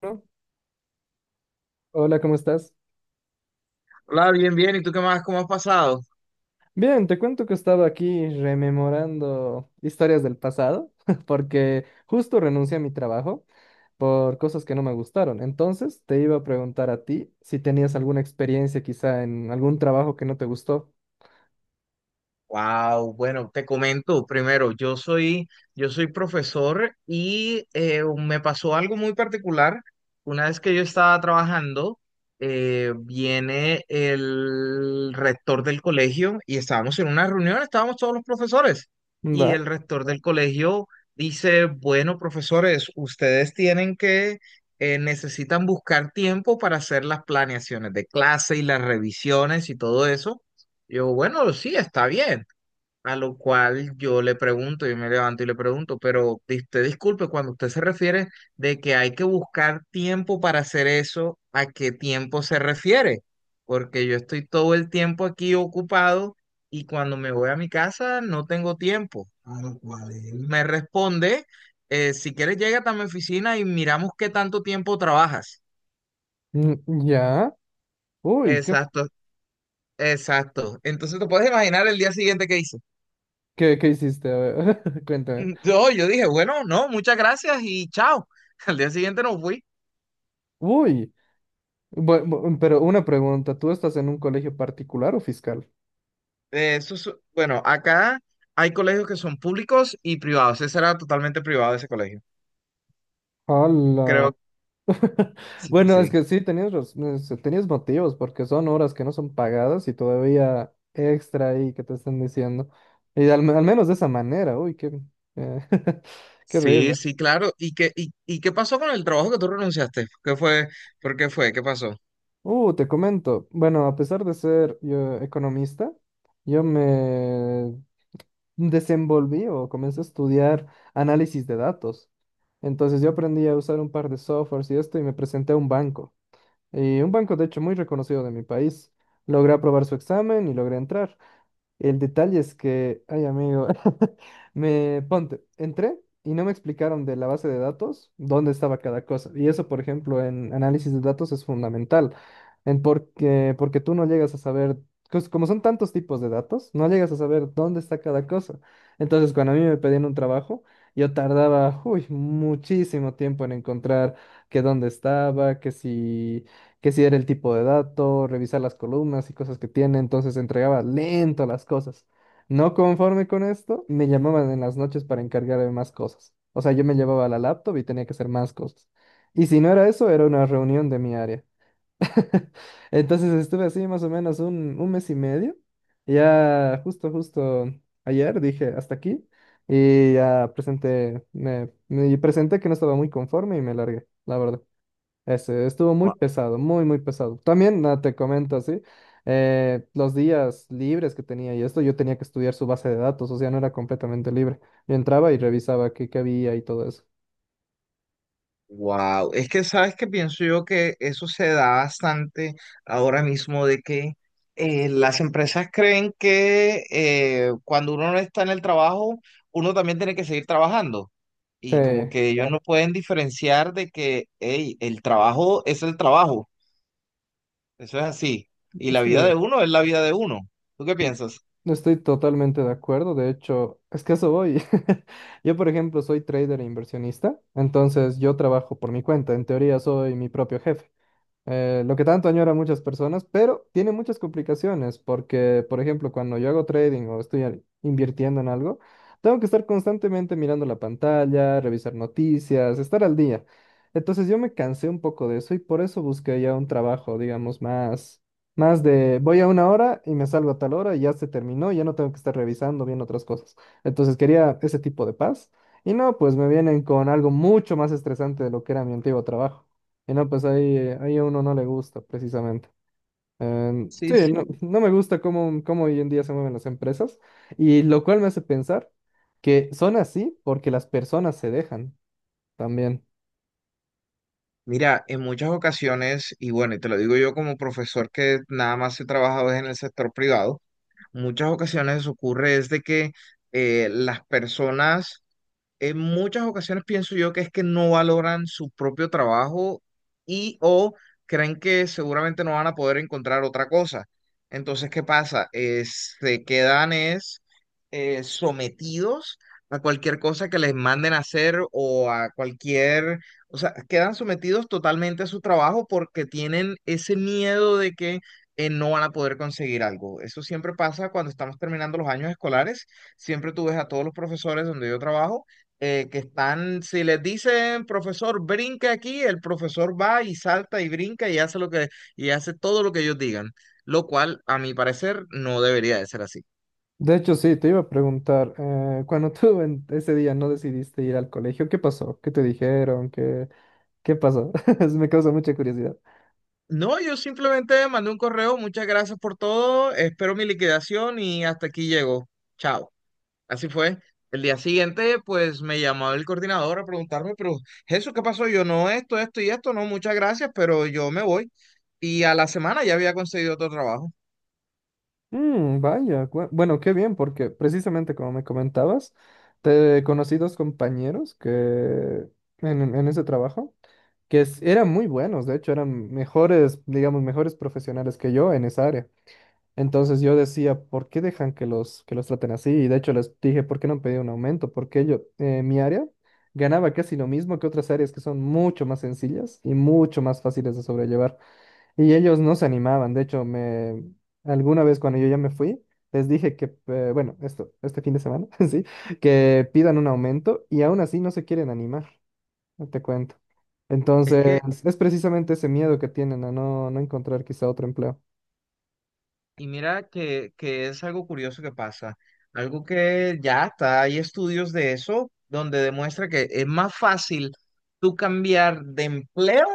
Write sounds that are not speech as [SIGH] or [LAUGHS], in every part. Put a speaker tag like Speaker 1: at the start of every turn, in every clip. Speaker 1: Bueno, hola, ¿cómo estás?
Speaker 2: Hola, bien, bien. ¿Y tú qué más? ¿Cómo has pasado?
Speaker 1: Bien, te cuento que estaba aquí rememorando historias del pasado, [LAUGHS] porque justo renuncié a mi trabajo por cosas que no me gustaron. Entonces, te iba a preguntar a ti si tenías alguna experiencia quizá en algún trabajo que no te gustó.
Speaker 2: Wow, bueno, te comento primero, yo soy profesor y me pasó algo muy particular. Una vez que yo estaba trabajando, viene el rector del colegio y estábamos en una reunión, estábamos todos los profesores y
Speaker 1: ¿Va?
Speaker 2: el rector del colegio dice, bueno, profesores, necesitan buscar tiempo para hacer las planeaciones de clase y las revisiones y todo eso. Yo, bueno, sí, está bien. A lo cual yo le pregunto, yo me levanto y le pregunto, pero usted disculpe, cuando usted se refiere de que hay que buscar tiempo para hacer eso, ¿a qué tiempo se refiere? Porque yo estoy todo el tiempo aquí ocupado y cuando me voy a mi casa no tengo tiempo. A lo cual él me responde, si quieres llega a mi oficina y miramos qué tanto tiempo trabajas.
Speaker 1: Mm, ¿ya? Uy, ¿qué,
Speaker 2: Exacto, exacto. Entonces te puedes imaginar el día siguiente que hice.
Speaker 1: qué, qué hiciste? A ver, [LAUGHS] cuéntame.
Speaker 2: No, yo dije, bueno, no, muchas gracias y chao. [LAUGHS] Al día siguiente no fui.
Speaker 1: Uy, pero una pregunta, ¿tú estás en un colegio particular o fiscal?
Speaker 2: Bueno, acá hay colegios que son públicos y privados. Ese era totalmente privado ese colegio.
Speaker 1: Hola.
Speaker 2: Creo,
Speaker 1: [LAUGHS]
Speaker 2: sí,
Speaker 1: Bueno, es
Speaker 2: sí.
Speaker 1: que sí, tenías motivos, porque son horas que no son pagadas y todavía extra ahí que te están diciendo. Y al menos de esa manera, uy, qué, eh, [LAUGHS] qué
Speaker 2: Sí,
Speaker 1: horrible.
Speaker 2: sí, claro. Y qué pasó con el trabajo que tú renunciaste? ¿Qué fue? ¿Por qué fue? ¿Qué pasó?
Speaker 1: Te comento, bueno, a pesar de ser yo economista, yo me desenvolví o comencé a estudiar análisis de datos. Entonces yo aprendí a usar un par de softwares y esto y me presenté a un banco. Y un banco, de hecho, muy reconocido de mi país. Logré aprobar su examen y logré entrar. El detalle es que, ay amigo, [LAUGHS] me ponte, entré y no me explicaron de la base de datos dónde estaba cada cosa. Y eso, por ejemplo, en análisis de datos es fundamental, porque tú no llegas a saber, como son tantos tipos de datos, no llegas a saber dónde está cada cosa. Entonces, cuando a mí me pedían un trabajo, yo tardaba, uy, muchísimo tiempo en encontrar que dónde estaba, que si era el tipo de dato, revisar las columnas y cosas que tiene, entonces entregaba lento las cosas. No conforme con esto, me llamaban en las noches para encargarme más cosas. O sea, yo me llevaba la laptop y tenía que hacer más cosas. Y si no era eso, era una reunión de mi área. [LAUGHS] Entonces estuve así más o menos un mes y medio. Ya justo ayer dije hasta aquí y ya presenté, me presenté que no estaba muy conforme y me largué, la verdad. Ese estuvo muy pesado, muy pesado. También ah, te comento así, los días libres que tenía y esto, yo tenía que estudiar su base de datos, o sea, no era completamente libre. Yo entraba y revisaba qué había y todo eso.
Speaker 2: Wow, es que sabes que pienso yo que eso se da bastante ahora mismo de que las empresas creen que cuando uno no está en el trabajo, uno también tiene que seguir trabajando.
Speaker 1: Sí,
Speaker 2: Y como que ellos no Claro. pueden diferenciar de que, hey, el trabajo es el trabajo, eso es así. Y la vida
Speaker 1: estoy,
Speaker 2: de uno es la vida de uno. ¿Tú qué piensas?
Speaker 1: estoy totalmente de acuerdo. De hecho, es que eso voy. [LAUGHS] Yo, por ejemplo, soy trader e inversionista, entonces yo trabajo por mi cuenta. En teoría, soy mi propio jefe. Lo que tanto añoran muchas personas, pero tiene muchas complicaciones porque, por ejemplo, cuando yo hago trading o estoy invirtiendo en algo, tengo que estar constantemente mirando la pantalla, revisar noticias, estar al día. Entonces yo me cansé un poco de eso y por eso busqué ya un trabajo, digamos, más de voy a una hora y me salgo a tal hora y ya se terminó, ya no tengo que estar revisando bien otras cosas. Entonces quería ese tipo de paz y no, pues me vienen con algo mucho más estresante de lo que era mi antiguo trabajo. Y no, pues ahí, ahí a uno no le gusta, precisamente. Em,
Speaker 2: Sí,
Speaker 1: sí, no,
Speaker 2: sí.
Speaker 1: no me gusta cómo hoy en día se mueven las empresas, y lo cual me hace pensar que son así porque las personas se dejan también.
Speaker 2: Mira, en muchas ocasiones, y bueno, y te lo digo yo como profesor que nada más he trabajado es en el sector privado, muchas ocasiones ocurre es de que las personas en muchas ocasiones pienso yo que es que no valoran su propio trabajo y o creen que seguramente no van a poder encontrar otra cosa. Entonces, ¿qué pasa? Se quedan es sometidos a cualquier cosa que les manden a hacer o a cualquier, o sea, quedan sometidos totalmente a su trabajo porque tienen ese miedo de que no van a poder conseguir algo. Eso siempre pasa cuando estamos terminando los años escolares. Siempre tú ves a todos los profesores donde yo trabajo que están, si les dicen, profesor, brinca aquí, el profesor va y salta y brinca y hace todo lo que ellos digan, lo cual, a mi parecer, no debería de ser así.
Speaker 1: De hecho, sí, te iba a preguntar, cuando tú en ese día no decidiste ir al colegio, ¿qué pasó? ¿Qué te dijeron? ¿Qué, qué pasó? [LAUGHS] Me causa mucha curiosidad.
Speaker 2: No, yo simplemente mandé un correo, muchas gracias por todo, espero mi liquidación y hasta aquí llego. Chao. Así fue. El día siguiente, pues me llamó el coordinador a preguntarme, pero Jesús, ¿qué pasó? Yo no, esto y esto, no, muchas gracias, pero yo me voy. Y a la semana ya había conseguido otro trabajo.
Speaker 1: Mm, vaya, bueno, qué bien, porque precisamente como me comentabas, te conocí dos compañeros que en ese trabajo. Eran muy buenos, de hecho, eran mejores, digamos, mejores profesionales que yo en esa área. Entonces yo decía, ¿por qué dejan que los traten así? Y de hecho les dije, ¿por qué no han pedido un aumento? Porque yo, mi área ganaba casi lo mismo que otras áreas que son mucho más sencillas y mucho más fáciles de sobrellevar. Y ellos no se animaban, de hecho, alguna vez cuando yo ya me fui, les dije que, bueno, esto, este fin de semana, [LAUGHS] sí, que pidan un aumento y aún así no se quieren animar no te cuento.
Speaker 2: Es
Speaker 1: Entonces,
Speaker 2: que
Speaker 1: es precisamente ese miedo que tienen a no, no encontrar quizá otro empleo.
Speaker 2: y mira que es algo curioso que pasa, algo que ya está, hay estudios de eso donde demuestra que es más fácil tú cambiar de empleo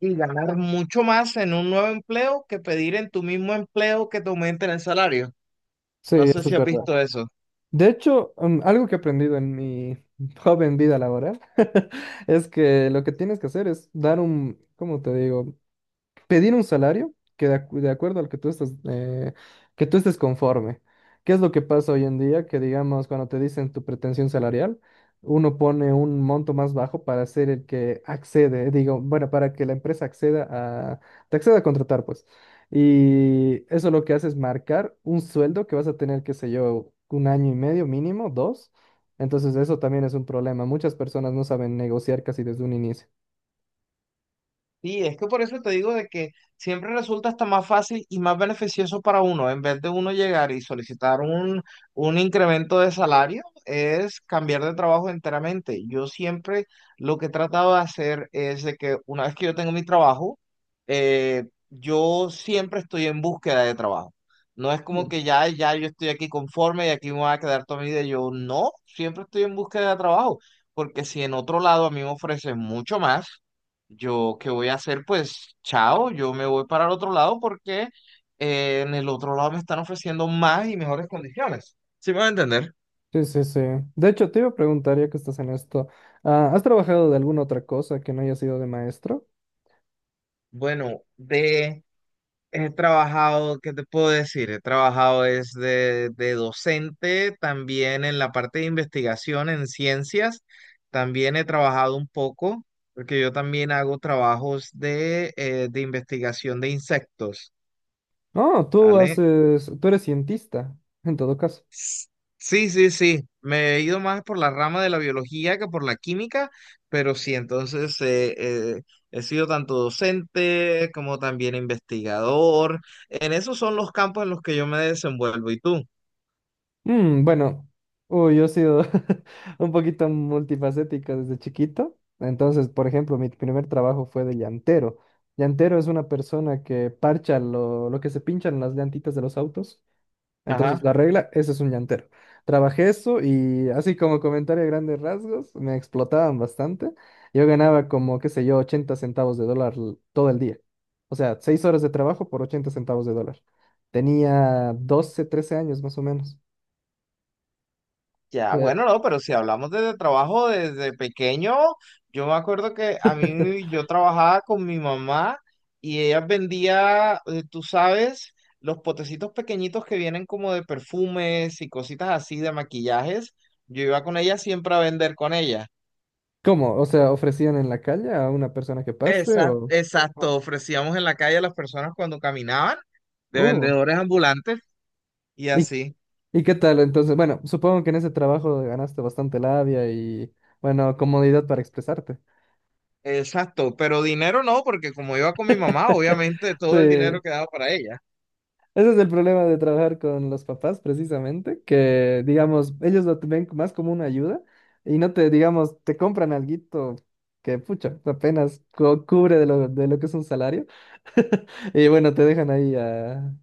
Speaker 2: y ganar mucho más en un nuevo empleo que pedir en tu mismo empleo que te aumenten el salario.
Speaker 1: Sí,
Speaker 2: No sé
Speaker 1: eso
Speaker 2: si
Speaker 1: es
Speaker 2: has
Speaker 1: verdad.
Speaker 2: visto eso.
Speaker 1: De hecho, mm, algo que he aprendido en mi [LAUGHS] joven vida laboral [LAUGHS] es que lo que tienes que hacer es dar un, ¿cómo te digo? Pedir un salario que de, de acuerdo al que tú estás, que tú estés conforme. ¿Qué es lo que pasa hoy en día? Que digamos, cuando te dicen tu pretensión salarial, uno pone un monto más bajo para ser el que accede, digo, bueno, para que la empresa acceda a, te acceda a contratar, pues. Y eso lo que hace es marcar un sueldo que vas a tener, qué sé yo, un año y medio mínimo, dos. Entonces eso también es un problema. Muchas personas no saben negociar casi desde un inicio.
Speaker 2: Sí, es que por eso te digo de que siempre resulta hasta más fácil y más beneficioso para uno, en vez de uno llegar y solicitar un incremento de salario, es cambiar de trabajo enteramente. Yo siempre lo que he tratado de hacer es de que una vez que yo tengo mi trabajo, eh, yo siempre estoy en búsqueda de trabajo. No es como que ya, ya yo estoy aquí conforme y aquí me voy a quedar toda mi vida. Yo no, siempre estoy en búsqueda de trabajo, porque si en otro lado a mí me ofrecen mucho más. Yo, ¿qué voy a hacer? Pues, chao, yo me voy para el otro lado porque en el otro lado me están ofreciendo más y mejores condiciones. ¿Sí me va a entender?
Speaker 1: Sí, sí, sí. De hecho, te iba a preguntar, ya que estás en esto, ah, ¿has trabajado de alguna otra cosa que no haya sido de maestro?
Speaker 2: Bueno, de he trabajado, ¿qué te puedo decir? He trabajado es de docente, también en la parte de investigación en ciencias, también he trabajado un poco, porque yo también hago trabajos de investigación de insectos,
Speaker 1: No, tú
Speaker 2: ¿vale?
Speaker 1: haces, tú eres cientista, en todo caso.
Speaker 2: Sí, sí, sí. Me he ido más por la rama de la biología que por la química, pero sí, entonces eh, he sido tanto docente como también investigador. En esos son los campos en los que yo me desenvuelvo. ¿Y tú?
Speaker 1: Mm, bueno, uy, yo he sido [LAUGHS] un poquito multifacética desde chiquito. Entonces, por ejemplo, mi primer trabajo fue de llantero. Llantero es una persona que parcha lo que se pinchan las llantitas de los autos. Entonces,
Speaker 2: Ajá.
Speaker 1: la regla, ese es un llantero. Trabajé eso y así como comentario a grandes rasgos, me explotaban bastante. Yo ganaba como, qué sé yo, 80 centavos de dólar todo el día. O sea, 6 horas de trabajo por 80 centavos de dólar. Tenía 12, 13 años más o menos.
Speaker 2: Ya,
Speaker 1: Eh,
Speaker 2: bueno, no, pero si hablamos de trabajo desde pequeño, yo me acuerdo que a mí
Speaker 1: [LAUGHS]
Speaker 2: yo trabajaba con mi mamá y ella vendía, tú sabes, los potecitos pequeñitos que vienen como de perfumes y cositas así de maquillajes. Yo iba con ella siempre a vender con ella.
Speaker 1: ¿cómo? O sea, ¿ofrecían en la calle a una persona que pase
Speaker 2: Exacto,
Speaker 1: o...? Ah.
Speaker 2: exacto, ofrecíamos en la calle a las personas cuando caminaban de
Speaker 1: Uh,
Speaker 2: vendedores ambulantes y
Speaker 1: ¿y,
Speaker 2: así.
Speaker 1: y qué tal? Entonces, bueno, supongo que en ese trabajo ganaste bastante labia y, bueno, comodidad para expresarte.
Speaker 2: Exacto, pero dinero no, porque como iba con mi mamá,
Speaker 1: [LAUGHS]
Speaker 2: obviamente
Speaker 1: Sí,
Speaker 2: todo el dinero
Speaker 1: ese
Speaker 2: quedaba para ella.
Speaker 1: es el problema de trabajar con los papás, precisamente, que, digamos, ellos lo ven más como una ayuda y no te, digamos, te compran alguito que, pucha, apenas cubre de de lo que es un salario y, bueno, te dejan ahí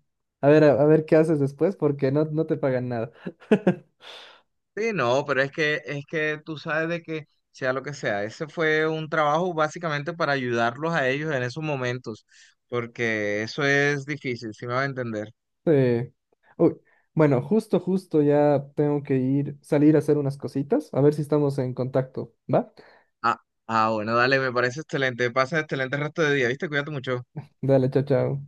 Speaker 1: a, ver qué haces después porque no, no te pagan nada. [LAUGHS]
Speaker 2: Sí, no, pero es que tú sabes de que sea lo que sea, ese fue un trabajo básicamente para ayudarlos a ellos en esos momentos, porque eso es difícil, si me va a entender.
Speaker 1: Sí. Uy, bueno, justo ya tengo que ir, salir a hacer unas cositas, a ver si estamos en contacto, ¿va?
Speaker 2: Ah, ah, bueno, dale, me parece excelente. Pasa excelente resto de día, ¿viste? Cuídate mucho.
Speaker 1: Dale, chao, chao.